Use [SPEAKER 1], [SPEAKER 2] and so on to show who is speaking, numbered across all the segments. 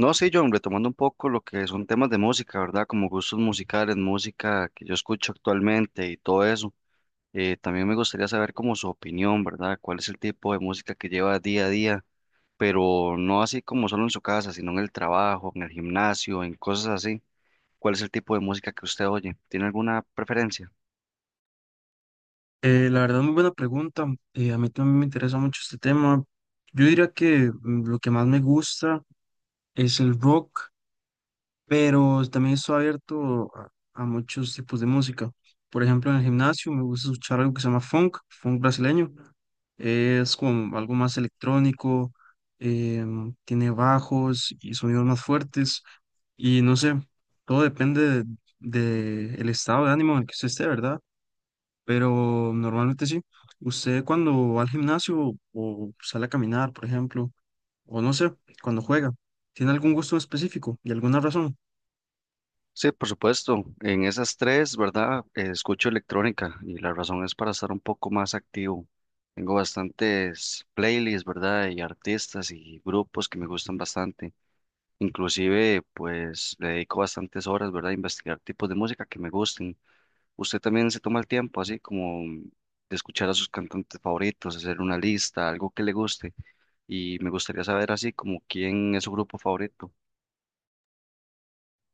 [SPEAKER 1] No, sí, John, retomando un poco lo que son temas de música, ¿verdad? Como gustos musicales, música que yo escucho actualmente y todo eso. También me gustaría saber como su opinión, ¿verdad? ¿Cuál es el tipo de música que lleva día a día? Pero no así como solo en su casa, sino en el trabajo, en el gimnasio, en cosas así. ¿Cuál es el tipo de música que usted oye? ¿Tiene alguna preferencia?
[SPEAKER 2] La verdad, muy buena pregunta. A mí también me interesa mucho este tema. Yo diría que lo que más me gusta es el rock, pero también estoy abierto a muchos tipos de música. Por ejemplo, en el gimnasio me gusta escuchar algo que se llama funk, funk brasileño. Es como algo más electrónico. Tiene bajos y sonidos más fuertes. Y no sé, todo depende de el estado de ánimo en el que usted esté, ¿verdad? Pero normalmente sí. Usted cuando va al gimnasio o sale a caminar, por ejemplo, o no sé, cuando juega, ¿tiene algún gusto específico y alguna razón?
[SPEAKER 1] Sí, por supuesto. En esas tres, ¿verdad? Escucho electrónica y la razón es para estar un poco más activo. Tengo bastantes playlists, ¿verdad? Y artistas y grupos que me gustan bastante. Inclusive, pues le dedico bastantes horas, ¿verdad? A investigar tipos de música que me gusten. Usted también se toma el tiempo, así como de escuchar a sus cantantes favoritos, hacer una lista, algo que le guste. Y me gustaría saber así como quién es su grupo favorito.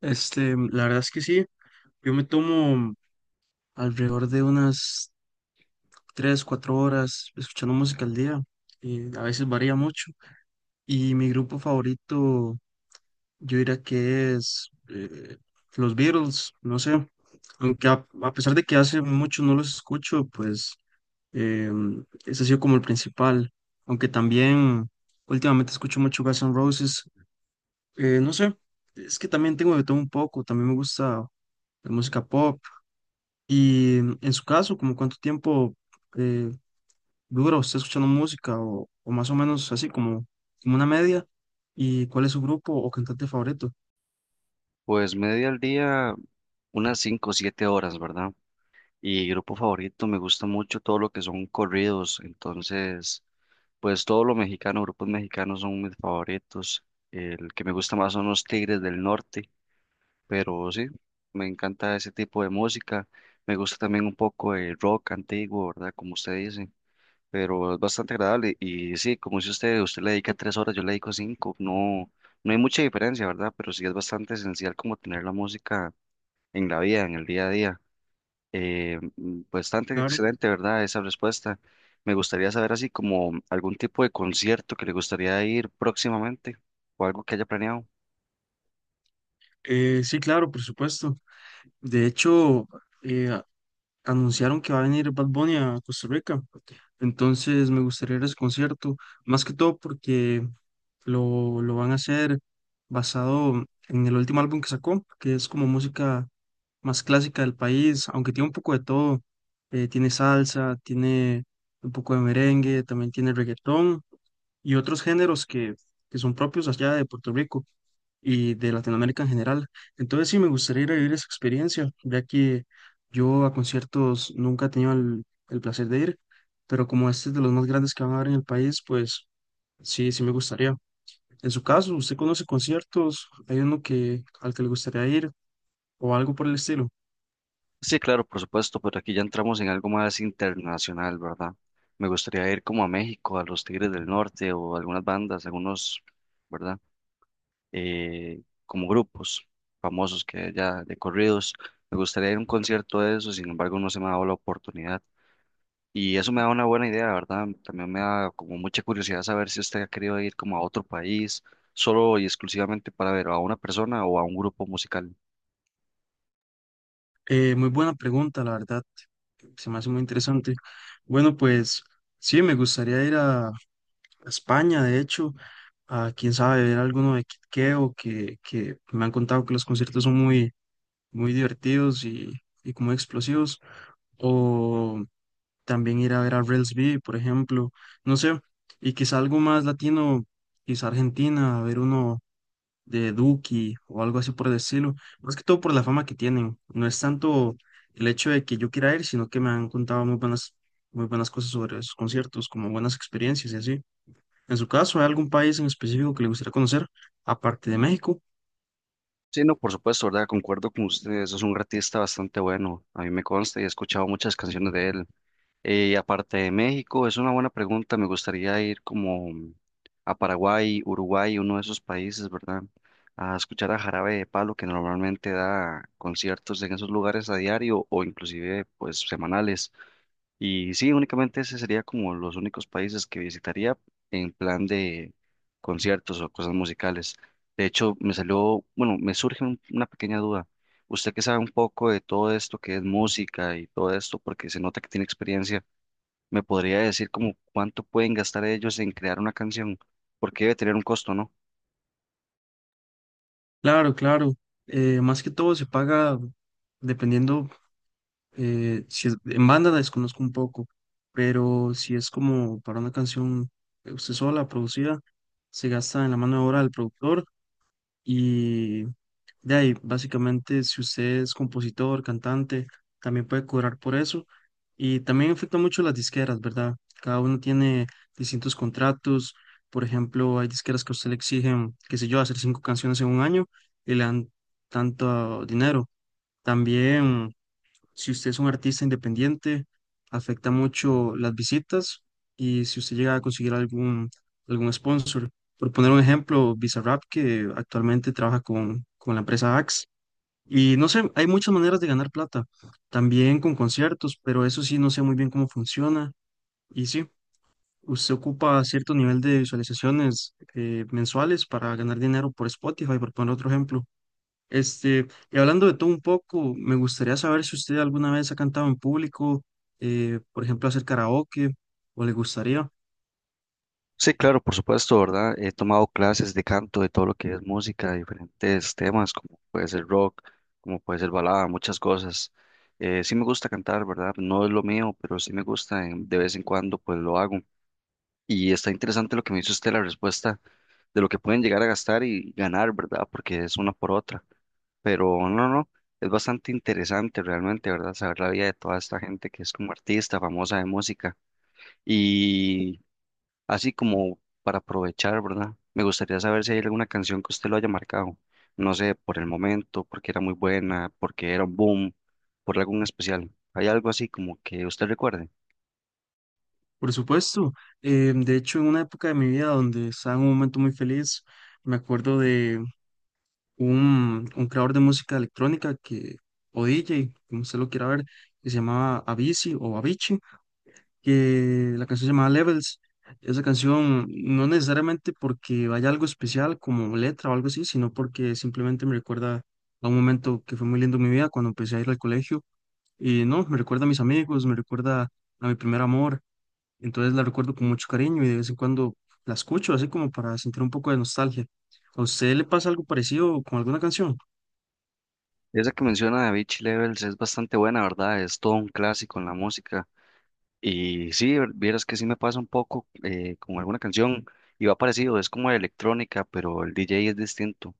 [SPEAKER 2] Este, la verdad es que sí, yo me tomo alrededor de unas 3, 4 horas escuchando música al día, y a veces varía mucho. Y mi grupo favorito, yo diría que es los Beatles, no sé, aunque a pesar de que hace mucho no los escucho, pues. Eh, Ese ha sido como el principal, aunque también últimamente escucho mucho Guns N' Roses. No sé, es que también tengo de todo un poco, también me gusta la música pop. Y en su caso, ¿como cuánto tiempo eh, dura usted escuchando música, o más o menos así como, como una media? ¿Y cuál es su grupo o cantante favorito?
[SPEAKER 1] Pues media al día, unas 5 o 7 horas, ¿verdad? Y grupo favorito, me gusta mucho todo lo que son corridos, entonces, pues todo lo mexicano, grupos mexicanos son mis favoritos. El que me gusta más son los Tigres del Norte, pero sí, me encanta ese tipo de música. Me gusta también un poco el rock antiguo, ¿verdad? Como usted dice, pero es bastante agradable. Y sí, como dice usted, usted le dedica 3 horas, yo le dedico 5. No, no hay mucha diferencia, ¿verdad? Pero sí es bastante esencial como tener la música en la vida, en el día a día. Bastante
[SPEAKER 2] Claro.
[SPEAKER 1] excelente, ¿verdad? Esa respuesta. Me gustaría saber así como algún tipo de concierto que le gustaría ir próximamente o algo que haya planeado.
[SPEAKER 2] Sí, claro, por supuesto. De hecho, eh, anunciaron que va a venir Bad Bunny a Costa Rica. Entonces me gustaría ir a ese concierto, más que todo porque lo van a hacer basado en el último álbum que sacó, que es como música más clásica del país, aunque tiene un poco de todo. Tiene salsa, tiene un poco de merengue, también tiene reggaetón y otros géneros que son propios allá de Puerto Rico y de Latinoamérica en general. Entonces sí, me gustaría ir a vivir esa experiencia, ya que yo a conciertos nunca he tenido el placer de ir, pero como este es de los más grandes que van a haber en el país, pues sí, sí me gustaría. En su caso, ¿usted conoce conciertos? ¿Hay uno que, al que le gustaría ir o algo por el estilo?
[SPEAKER 1] Sí, claro, por supuesto, pero aquí ya entramos en algo más internacional, ¿verdad? Me gustaría ir como a México, a los Tigres del Norte o algunas bandas, algunos, ¿verdad? Como grupos famosos que ya de corridos. Me gustaría ir a un concierto de eso, sin embargo, no se me ha dado la oportunidad. Y eso me da una buena idea, ¿verdad? También me da como mucha curiosidad saber si usted ha querido ir como a otro país, solo y exclusivamente para ver a una persona o a un grupo musical.
[SPEAKER 2] Muy buena pregunta, la verdad, se me hace muy interesante. Bueno, pues sí, me gustaría ir a España, de hecho. A quién sabe, ver alguno de Kid Keo, que me han contado que los conciertos son muy, muy divertidos y como explosivos, o también ir a ver a Rels B, por ejemplo, no sé, y quizá algo más latino, quizá Argentina, a ver uno de Duki o algo así por el estilo, más que todo por la fama que tienen, no es tanto el hecho de que yo quiera ir, sino que me han contado muy buenas cosas sobre esos conciertos, como buenas experiencias y así. En su caso, ¿hay algún país en específico que le gustaría conocer, aparte de México?
[SPEAKER 1] Sí, no, por supuesto, ¿verdad? Concuerdo con ustedes, es un artista bastante bueno, a mí me consta y he escuchado muchas canciones de él. Aparte de México, es una buena pregunta, me gustaría ir como a Paraguay, Uruguay, uno de esos países, ¿verdad? A escuchar a Jarabe de Palo, que normalmente da conciertos en esos lugares a diario o inclusive pues semanales. Y sí, únicamente ese sería como los únicos países que visitaría en plan de conciertos o cosas musicales. De hecho, me salió, bueno, me surge una pequeña duda. Usted que sabe un poco de todo esto que es música y todo esto, porque se nota que tiene experiencia, ¿me podría decir como cuánto pueden gastar ellos en crear una canción? Porque debe tener un costo, ¿no?
[SPEAKER 2] Claro, claro. Más que todo se paga dependiendo, si es, en banda la desconozco un poco, pero si es como para una canción usted sola, producida, se gasta en la mano de obra del productor y. De ahí, básicamente, si usted es compositor, cantante, también puede cobrar por eso. Y también afecta mucho las disqueras, ¿verdad? Cada uno tiene distintos contratos. Por ejemplo, hay disqueras que a usted le exigen, qué sé yo, hacer 5 canciones en un año y le dan tanto dinero. También, si usted es un artista independiente, afecta mucho las visitas y si usted llega a conseguir algún, algún sponsor. Por poner un ejemplo, Bizarrap, que actualmente trabaja con la empresa Axe y no sé, hay muchas maneras de ganar plata, también con conciertos, pero eso sí, no sé muy bien cómo funciona. Y sí, usted ocupa cierto nivel de visualizaciones mensuales para ganar dinero por Spotify, por poner otro ejemplo. Este, y hablando de todo un poco, me gustaría saber si usted alguna vez ha cantado en público, por ejemplo, hacer karaoke, o le gustaría.
[SPEAKER 1] Sí, claro, por supuesto, ¿verdad? He tomado clases de canto, de todo lo que es música, diferentes temas, como puede ser rock, como puede ser balada, muchas cosas. Sí me gusta cantar, ¿verdad? No es lo mío, pero sí me gusta, de vez en cuando pues lo hago. Y está interesante lo que me hizo usted, la respuesta de lo que pueden llegar a gastar y ganar, ¿verdad? Porque es una por otra. Pero no, no, es bastante interesante realmente, ¿verdad? Saber la vida de toda esta gente que es como artista, famosa de música. Y así como para aprovechar, ¿verdad? Me gustaría saber si hay alguna canción que usted lo haya marcado, no sé, por el momento, porque era muy buena, porque era un boom, por algún especial. ¿Hay algo así como que usted recuerde?
[SPEAKER 2] Por supuesto, de hecho, en una época de mi vida donde estaba en un momento muy feliz, me acuerdo de un creador de música electrónica que, o DJ, como usted lo quiera ver, que se llamaba Avicii o Avicii, que la canción se llamaba Levels. Esa canción no necesariamente porque vaya algo especial como letra o algo así, sino porque simplemente me recuerda a un momento que fue muy lindo en mi vida cuando empecé a ir al colegio. Y no, me recuerda a mis amigos, me recuerda a mi primer amor. Entonces la recuerdo con mucho cariño y de vez en cuando la escucho así como para sentir un poco de nostalgia. ¿A usted le pasa algo parecido con alguna canción?
[SPEAKER 1] Esa que menciona de Beach Levels es bastante buena, ¿verdad? Es todo un clásico en la música. Y sí, vieras que sí me pasa un poco con alguna canción y va parecido, es como electrónica, pero el DJ es distinto.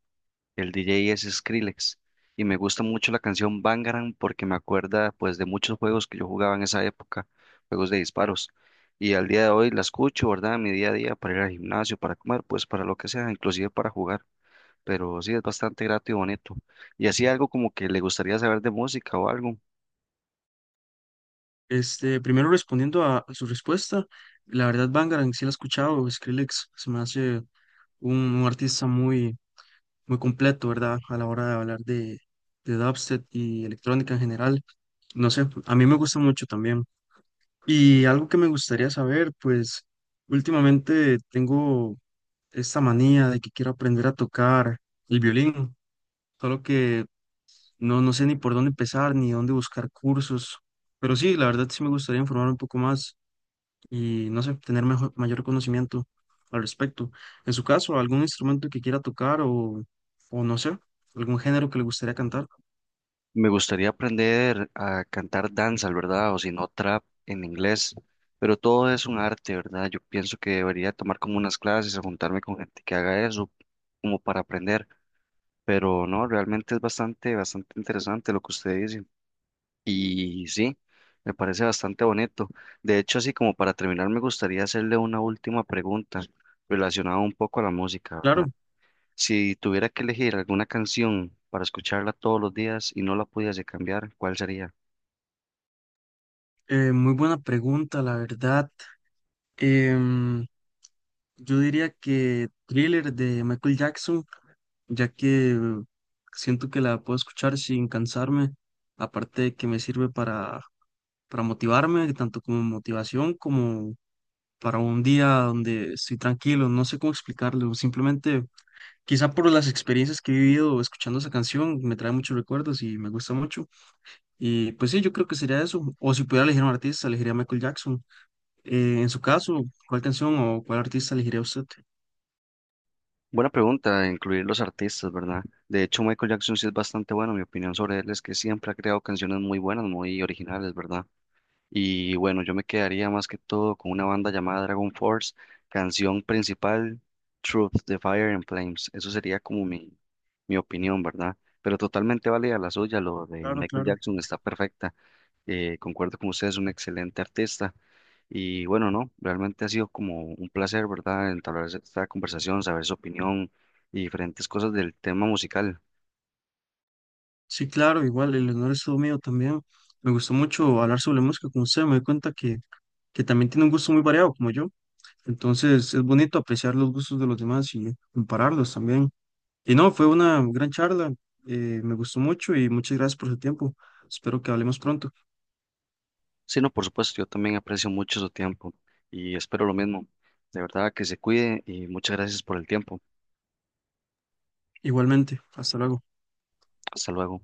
[SPEAKER 1] El DJ es Skrillex y me gusta mucho la canción Bangarang porque me acuerda pues de muchos juegos que yo jugaba en esa época, juegos de disparos. Y al día de hoy la escucho, ¿verdad? En mi día a día para ir al gimnasio, para comer, pues para lo que sea, inclusive para jugar. Pero sí es bastante grato y bonito. Y así algo como que le gustaría saber de música o algo.
[SPEAKER 2] Este, primero respondiendo a su respuesta, la verdad Bangarang sí la he escuchado, Skrillex se me hace un artista muy, muy completo, ¿verdad? A la hora de hablar de dubstep y electrónica en general. No sé, a mí me gusta mucho también. Y algo que me gustaría saber, pues últimamente tengo esta manía de que quiero aprender a tocar el violín, solo que no sé ni por dónde empezar ni dónde buscar cursos, pero sí, la verdad sí me gustaría informar un poco más. Y no sé, tener mejor, mayor conocimiento al respecto. En su caso, algún instrumento que quiera tocar, o no sé, algún género que le gustaría cantar.
[SPEAKER 1] Me gustaría aprender a cantar danzas, ¿verdad? O si no, trap en inglés. Pero todo es un arte, ¿verdad? Yo pienso que debería tomar como unas clases o juntarme con gente que haga eso, como para aprender. Pero no, realmente es bastante, bastante interesante lo que usted dice. Y sí, me parece bastante bonito. De hecho, así como para terminar, me gustaría hacerle una última pregunta relacionada un poco a la música, ¿verdad?
[SPEAKER 2] Claro.
[SPEAKER 1] Si tuviera que elegir alguna canción para escucharla todos los días y no la pudiese cambiar, ¿cuál sería?
[SPEAKER 2] Muy buena pregunta, la verdad. Em, yo diría que Thriller de Michael Jackson, ya que siento que la puedo escuchar sin cansarme, aparte de que me sirve para, motivarme, tanto como motivación como para un día donde estoy tranquilo, no sé cómo explicarlo, simplemente. Quizá por las experiencias que he vivido escuchando esa canción, me trae muchos recuerdos y me gusta mucho. Y pues sí, yo creo que sería eso. O si pudiera elegir a un artista, elegiría a Michael Jackson. En su caso, ¿cuál canción o cuál artista elegiría usted?
[SPEAKER 1] Buena pregunta, incluir los artistas, ¿verdad? De hecho, Michael Jackson sí es bastante bueno. Mi opinión sobre él es que siempre ha creado canciones muy buenas, muy originales, ¿verdad? Y bueno, yo me quedaría más que todo con una banda llamada Dragon Force, canción principal, Truth, de Fire and Flames. Eso sería como mi opinión, ¿verdad? Pero totalmente válida la suya, lo de
[SPEAKER 2] Claro,
[SPEAKER 1] Michael
[SPEAKER 2] claro.
[SPEAKER 1] Jackson está perfecta. Concuerdo con usted, es un excelente artista. Y bueno, no, realmente ha sido como un placer, ¿verdad?, entablar esta conversación, saber su opinión y diferentes cosas del tema musical.
[SPEAKER 2] Sí, claro, igual, el honor es todo mío también. Me gustó mucho hablar sobre música con usted. Me doy cuenta que también tiene un gusto muy variado, como yo. Entonces, es bonito apreciar los gustos de los demás y compararlos también. Y no, fue una gran charla, me gustó mucho y muchas gracias por su tiempo. Espero que hablemos pronto.
[SPEAKER 1] Sí, no, por supuesto, yo también aprecio mucho su tiempo y espero lo mismo. De verdad que se cuide y muchas gracias por el tiempo.
[SPEAKER 2] Igualmente, hasta luego.
[SPEAKER 1] Hasta luego.